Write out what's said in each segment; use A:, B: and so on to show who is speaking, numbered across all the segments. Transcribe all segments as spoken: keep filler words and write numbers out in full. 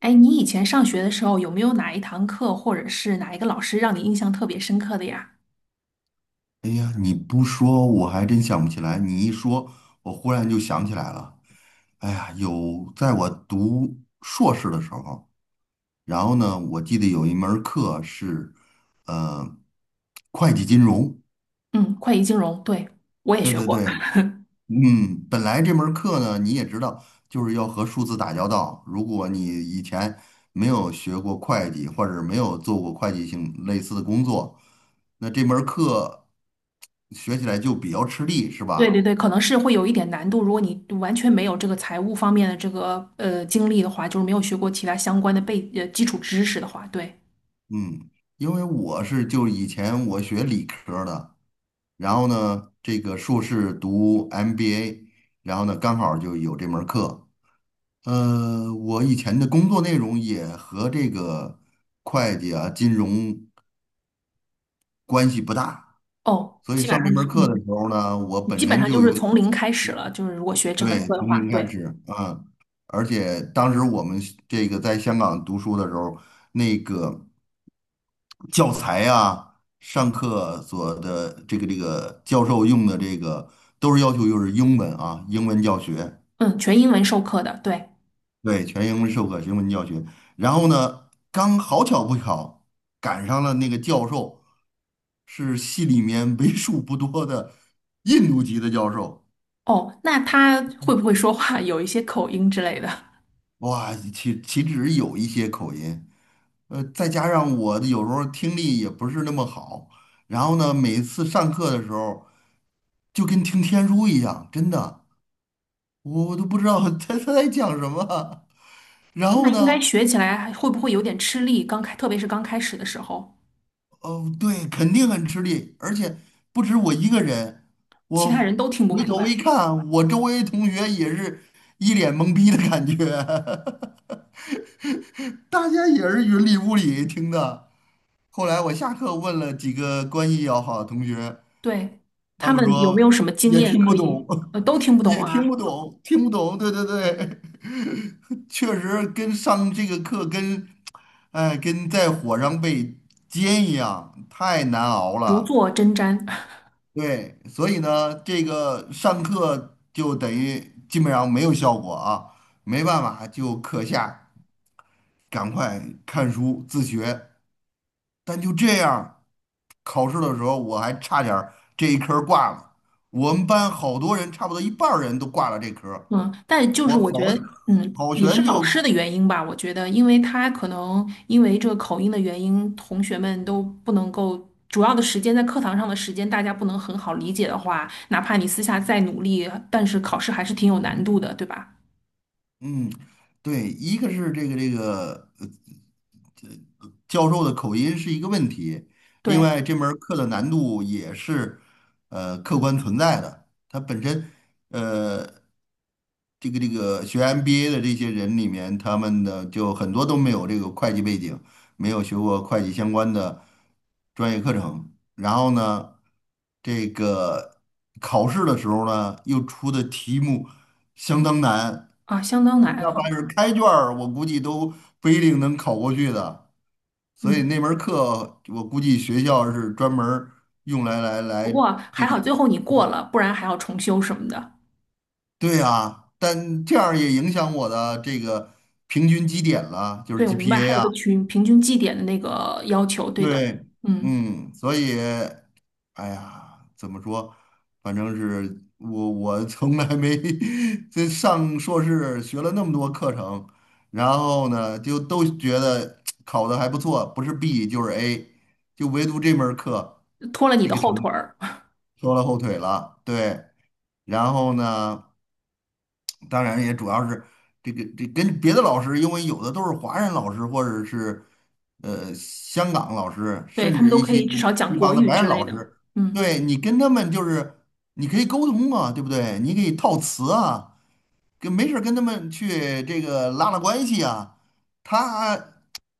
A: 哎，你以前上学的时候有没有哪一堂课或者是哪一个老师让你印象特别深刻的呀？
B: 哎呀，你不说我还真想不起来，你一说，我忽然就想起来了。哎呀，有在我读硕士的时候，然后呢，我记得有一门儿课是，呃，会计金融。
A: 嗯，会计金融，对，我也
B: 对
A: 学
B: 对
A: 过。
B: 对，嗯，本来这门儿课呢，你也知道，就是要和数字打交道。如果你以前没有学过会计，或者没有做过会计性类似的工作，那这门儿课学起来就比较吃力，是
A: 对对
B: 吧？
A: 对，可能是会有一点难度，如果你完全没有这个财务方面的这个呃经历的话，就是没有学过其他相关的背呃基础知识的话，对。
B: 嗯，因为我是就以前我学理科儿的，然后呢，这个硕士读 M B A，然后呢，刚好就有这门儿课。呃，我以前的工作内容也和这个会计啊、金融关系不大，
A: 哦，
B: 所以
A: 基本
B: 上这
A: 上
B: 门
A: 就
B: 儿课的时
A: 嗯，
B: 候呢，我
A: 基
B: 本
A: 本
B: 身
A: 上就
B: 就有
A: 是
B: 点。
A: 从零开始了，就是如果学这门
B: 对，
A: 课的
B: 从
A: 话，
B: 零开
A: 对，
B: 始，嗯，而且当时我们这个在香港读书的时候，那个教材啊，上课所的这个这个教授用的这个都是要求就是英文啊，英文教学，
A: 嗯，全英文授课的，对。
B: 对，全英文授课，英文教学。然后呢，刚好巧不巧赶上了那个教授是系里面为数不多的印度籍的教授，
A: 哦，那他会不会说话有一些口音之类的？
B: 哇，岂岂止有一些口音。呃，再加上我的有时候听力也不是那么好，然后呢，每次上课的时候就跟听天书一样，真的，我我都不知道 他他在讲什么。然
A: 那
B: 后
A: 应该
B: 呢，
A: 学起来还会不会有点吃力？刚开，特别是刚开始的时候，
B: 哦，对，肯定很吃力，而且不止我一个人，
A: 其他人
B: 我
A: 都听不
B: 回
A: 明
B: 头一
A: 白。
B: 看，我周围同学也是一脸懵逼的感觉，大家也是云里雾里听的。后来我下课问了几个关系要好的同学。
A: 对，
B: 他
A: 他
B: 们
A: 们有没
B: 说
A: 有什么经
B: 也
A: 验
B: 听
A: 可
B: 不懂，
A: 以，呃，都听 不懂
B: 也听不
A: 啊，
B: 懂，听不懂。对对对，确实跟上这个课跟哎跟在火上被煎一样，太难熬
A: 如
B: 了。
A: 坐针毡。
B: 对，所以呢，这个上课就等于基本上没有效果啊，没办法，就课下赶快看书自学。但就这样，考试的时候我还差点儿这一科儿挂了。我们班好多人，差不多一半儿人都挂了这科儿
A: 嗯，但就是
B: 我
A: 我
B: 好
A: 觉得，嗯，
B: 好
A: 也是
B: 悬
A: 老
B: 就
A: 师的原因吧。我觉得，因为他可能因为这个口音的原因，同学们都不能够。主要的时间在课堂上的时间，大家不能很好理解的话，哪怕你私下再努力，但是考试还是挺有难度的，对吧？
B: 嗯，对，一个是这个这个呃呃教授的口音是一个问题，另
A: 对
B: 外这门儿课的难度也是呃客观存在的，它本身呃这个这个学 M B A 的这些人里面，他们的就很多都没有这个会计背景，没有学过会计相关的专业课程，然后呢，这个考试的时候呢，又出的题目。相当难，
A: 啊，相当难
B: 哪
A: 啊。
B: 怕是开卷儿，我估计都不一定能考过去的。所以
A: 嗯。
B: 那门儿课，我估计学校是专门儿用来来
A: 不
B: 来
A: 过还
B: 这个，
A: 好最后你过了，不然还要重修什么的。
B: 对啊，但这样儿也影响我的这个平均绩点了，就是
A: 对，我明白，还
B: G P A
A: 有
B: 啊。
A: 个群平均绩点的那个要求，对的，
B: 对，
A: 嗯，
B: 嗯，所以哎呀，怎么说？反正是我，我从来没 这上硕士学了那么多课程，然后呢，就都觉得考的还不错，不是 B 就是 A，就唯独这门儿课
A: 拖了你
B: 这
A: 的
B: 个
A: 后
B: 成
A: 腿
B: 绩
A: 儿，
B: 拖了后腿了。对，然后呢？当然也主要是这个这跟别的老师，因为有的都是华人老师或者是呃香港老师，
A: 对，
B: 甚
A: 他们
B: 至
A: 都
B: 一
A: 可
B: 些
A: 以至少讲
B: 地
A: 国
B: 方的
A: 语
B: 白人
A: 之类
B: 老
A: 的，
B: 师，
A: 嗯，
B: 对你跟他们就是你可以沟通啊，对不对？你可以套词啊，跟没事儿跟他们去这个拉拉关系啊。他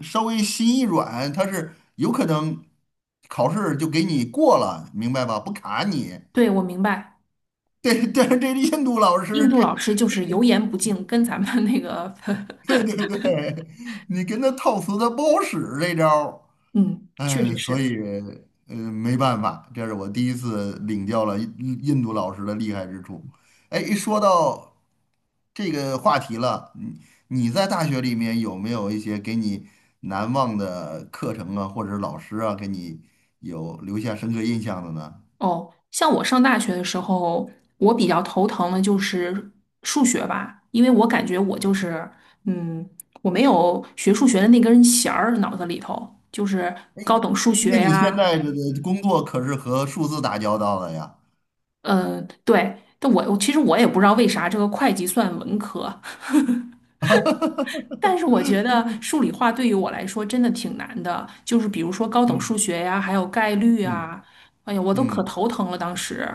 B: 稍微心一软，他是有可能考试就给你过了，明白吧？不卡你。
A: 对，我明白，
B: 对，但是这印度老
A: 印
B: 师
A: 度
B: 这
A: 老师就是油盐不进，跟咱们那个，
B: 对 对对，你跟他套词他不好使这招儿，
A: 嗯，确
B: 哎，
A: 实
B: 所
A: 是。
B: 以呃没办法，这是我第一次领教了印印度老师的厉害之处。哎，一说到这个话题了，你你在大学里面有没有一些给你难忘的课程啊，或者是老师啊，给你有留下深刻印象的呢？
A: 哦，像我上大学的时候，我比较头疼的就是数学吧，因为我感觉我就是，嗯，我没有学数学的那根弦儿，脑子里头就是
B: 哎，
A: 高等数
B: 那
A: 学
B: 你现
A: 呀，
B: 在这个工作可是和数字打交道的呀？
A: 嗯，对。但我我其实我也不知道为啥这个会计算文科，但是我觉 得数理化对于我来说真的挺难的，就是比如说高等数
B: 嗯
A: 学呀，还有概率
B: 嗯
A: 啊，哎呀，我都可
B: 嗯。
A: 头疼了当时。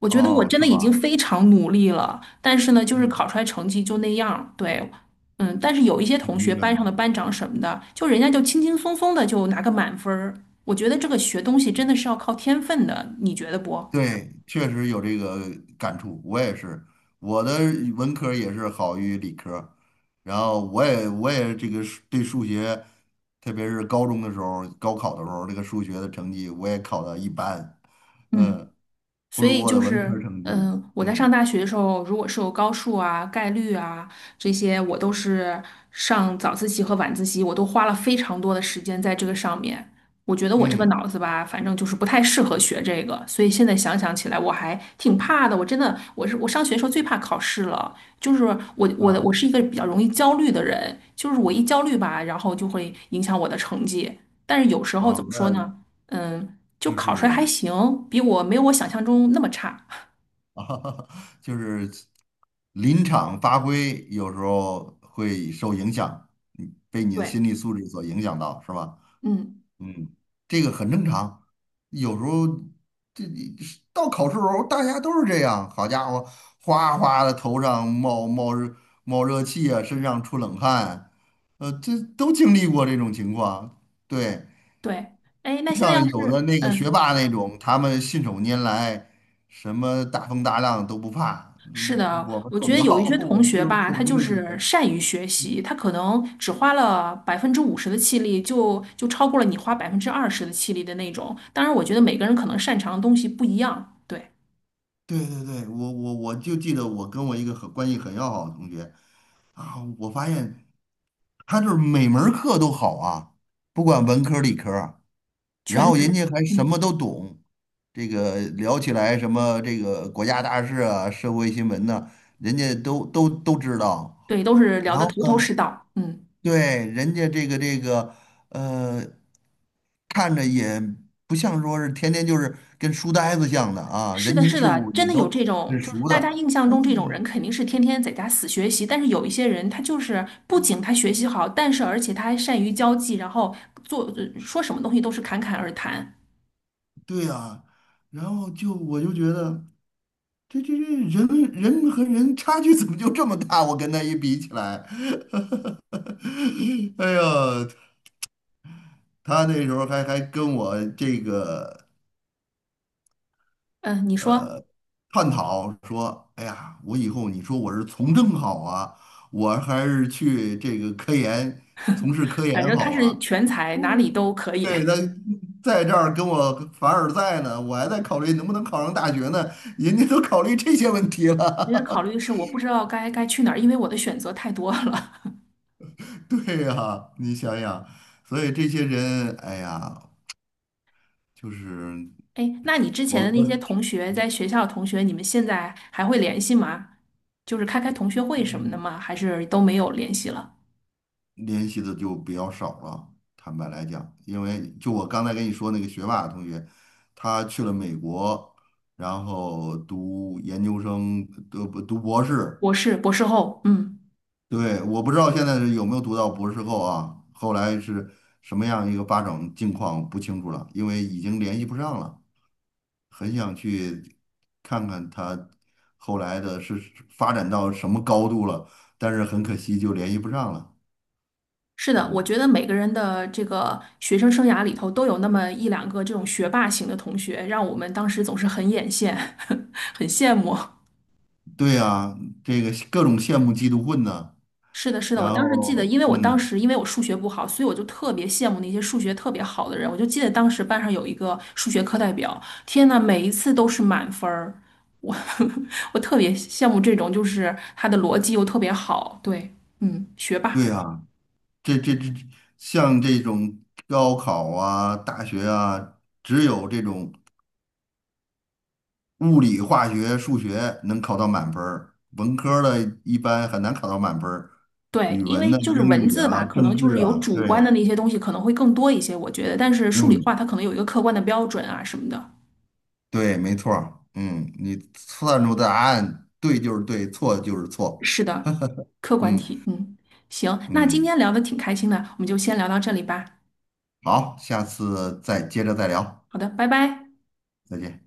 A: 我觉得我
B: 哦，
A: 真
B: 是
A: 的已经
B: 吧？
A: 非常努力了，但是呢，就是考
B: 嗯，
A: 出来成绩就那样儿对，嗯，但是有一些同学，
B: 明白
A: 班
B: 明
A: 上的
B: 白。
A: 班长什么的，就人家就轻轻松松的就拿个满分儿。我觉得这个学东西真的是要靠天分的，你觉得不？
B: 对，确实有这个感触，我也是，我的文科儿也是好于理科儿然后我也我也这个数对数学，特别是高中的时候，高考的时候，这个数学的成绩我也考的一般，
A: 嗯。
B: 嗯，不
A: 所
B: 如
A: 以
B: 我
A: 就
B: 的文
A: 是，
B: 科儿成绩，
A: 嗯，我在上
B: 嗯
A: 大学的时候，如果是有高数啊、概率啊这些，我都是上早自习和晚自习，我都花了非常多的时间在这个上面。我觉得我这个
B: 嗯
A: 脑子吧，反正就是不太适合学这个，所以现在想想起来，我还挺怕的。我真的，我是我上学的时候最怕考试了，就是我我的
B: 啊
A: 我是一个比较容易焦虑的人，就是我一焦虑吧，然后就会影响我的成绩。但是有时候
B: 啊，
A: 怎么说
B: 那
A: 呢？嗯，就
B: 就
A: 考出来还
B: 是
A: 行，比我没有我想象中那么差。
B: 啊就是。临场发挥有时候会受影响，嗯被你的
A: 对，
B: 心理素质所影响到，是吧？
A: 嗯，
B: 嗯，这个很正常。有时候这这到考试时候，大家都是这样。好家伙，哗哗的头上冒冒热冒热气啊，身上出冷汗，呃，这都经历过这种情况。对，
A: 对，哎，那
B: 不
A: 现在要
B: 像有的
A: 是，
B: 那个学
A: 嗯，
B: 霸那种，他们信手拈来，什么大风大浪都不怕。
A: 是
B: 嗯，
A: 的，
B: 我们
A: 我
B: 做
A: 觉
B: 不
A: 得有一
B: 到，
A: 些 同
B: 我们
A: 学
B: 就是
A: 吧，
B: 普
A: 他
B: 通
A: 就
B: 的学
A: 是
B: 生。
A: 善于学习，他可能只花了百分之五十的气力就，就超过了你花百分之二十的气力的那种。当然，我觉得每个人可能擅长的东西不一样，对，
B: 对对对，我我我就记得我跟我一个很关系很要好的同学啊，我发现他就是每门儿课都好啊，不管文科儿理科儿啊然
A: 全
B: 后人
A: 才，
B: 家还什么
A: 嗯，
B: 都懂，这个聊起来什么这个国家大事啊、社会新闻呐、人家都都都知道。
A: 对，都是聊
B: 然
A: 得
B: 后
A: 头头
B: 呢，
A: 是道，嗯，
B: 对，人家这个这个，呃，看着也不像说是天天就是跟书呆子像的啊，
A: 是
B: 人
A: 的，
B: 情
A: 是
B: 世
A: 的，
B: 故
A: 真
B: 也
A: 的有
B: 都
A: 这种，
B: 很
A: 就
B: 熟
A: 是
B: 的。
A: 大家印象
B: 哦，
A: 中这种人肯定是天天在家死学习，但是有一些人他就是不仅他学习好，但是而且他还善于交际，然后做呃说什么东西都是侃侃而谈。
B: 对呀，然后就我就觉得这这这人人和人差距怎么就这么大？我跟他一比起来，哎呀，他那时候还还跟我这个。
A: 嗯，你说，
B: 探讨说，哎呀，我以后你说我是从政好啊，我还是去这个科研，从事科
A: 反
B: 研
A: 正他
B: 好
A: 是
B: 啊？
A: 全才，
B: 我
A: 哪里都可以。
B: 对，他在这儿跟我凡尔赛呢，我还在考虑能不能考上大学呢，人家都考虑这些问题
A: 其实考虑
B: 了。
A: 是我不知道该该去哪儿，因为我的选择太多了。
B: 对呀，你想想，所以这些人，哎呀，就是
A: 哎，那你之前
B: 我
A: 的那
B: 我。
A: 些同学，在学校的同学，你们现在还会联系吗？就是开开同学会什么的吗？还是都没有联系了？
B: 联系的就比较少了。坦白来讲，因为就我刚才跟你说那个学霸同学，他去了美国，然后读研究生，读读博士。
A: 博士，博士后，嗯。
B: 对，我不知道现在是有没有读到博士后啊，后来是什么样一个发展境况不清楚了，因为已经联系不上了。很想去看看他后来的是发展到什么高度了，但是很可惜就联系不上了。
A: 是的，我觉
B: 嗯。
A: 得每个人的这个学生生涯里头都有那么一两个这种学霸型的同学，让我们当时总是很眼羡，很羡慕。
B: 对呀，这个各种羡慕嫉妒恨呐，
A: 是的，是的，我
B: 然
A: 当时记得，
B: 后
A: 因为我当
B: 嗯，
A: 时因为我数学不好，所以我就特别羡慕那些数学特别好的人。我就记得当时班上有一个数学课代表，天呐，每一次都是满分儿，我 我特别羡慕这种，就是他的逻辑又特别好，对，嗯，学
B: 对
A: 霸。
B: 呀，这这这像这种高考啊、大学啊，只有这种物理、化学、数学能考到满分儿，文科儿的一般很难考到满分儿。
A: 对，
B: 语
A: 因
B: 文
A: 为
B: 呢、
A: 就是
B: 英
A: 文
B: 语
A: 字
B: 啊、
A: 吧，可
B: 政
A: 能就
B: 治
A: 是有
B: 啊，
A: 主观的
B: 对，
A: 那些东西可能会更多一些，我觉得。但是数理化
B: 嗯，
A: 它可能有一个客观的标准啊什么的。
B: 对，没错儿，嗯，你算出答案对就是对，错就是错，
A: 是的，客观
B: 嗯
A: 题。嗯，行，那今
B: 嗯，
A: 天聊的挺开心的，我们就先聊到这里吧。
B: 好，下次再接着再聊，
A: 好的，拜拜。
B: 再见。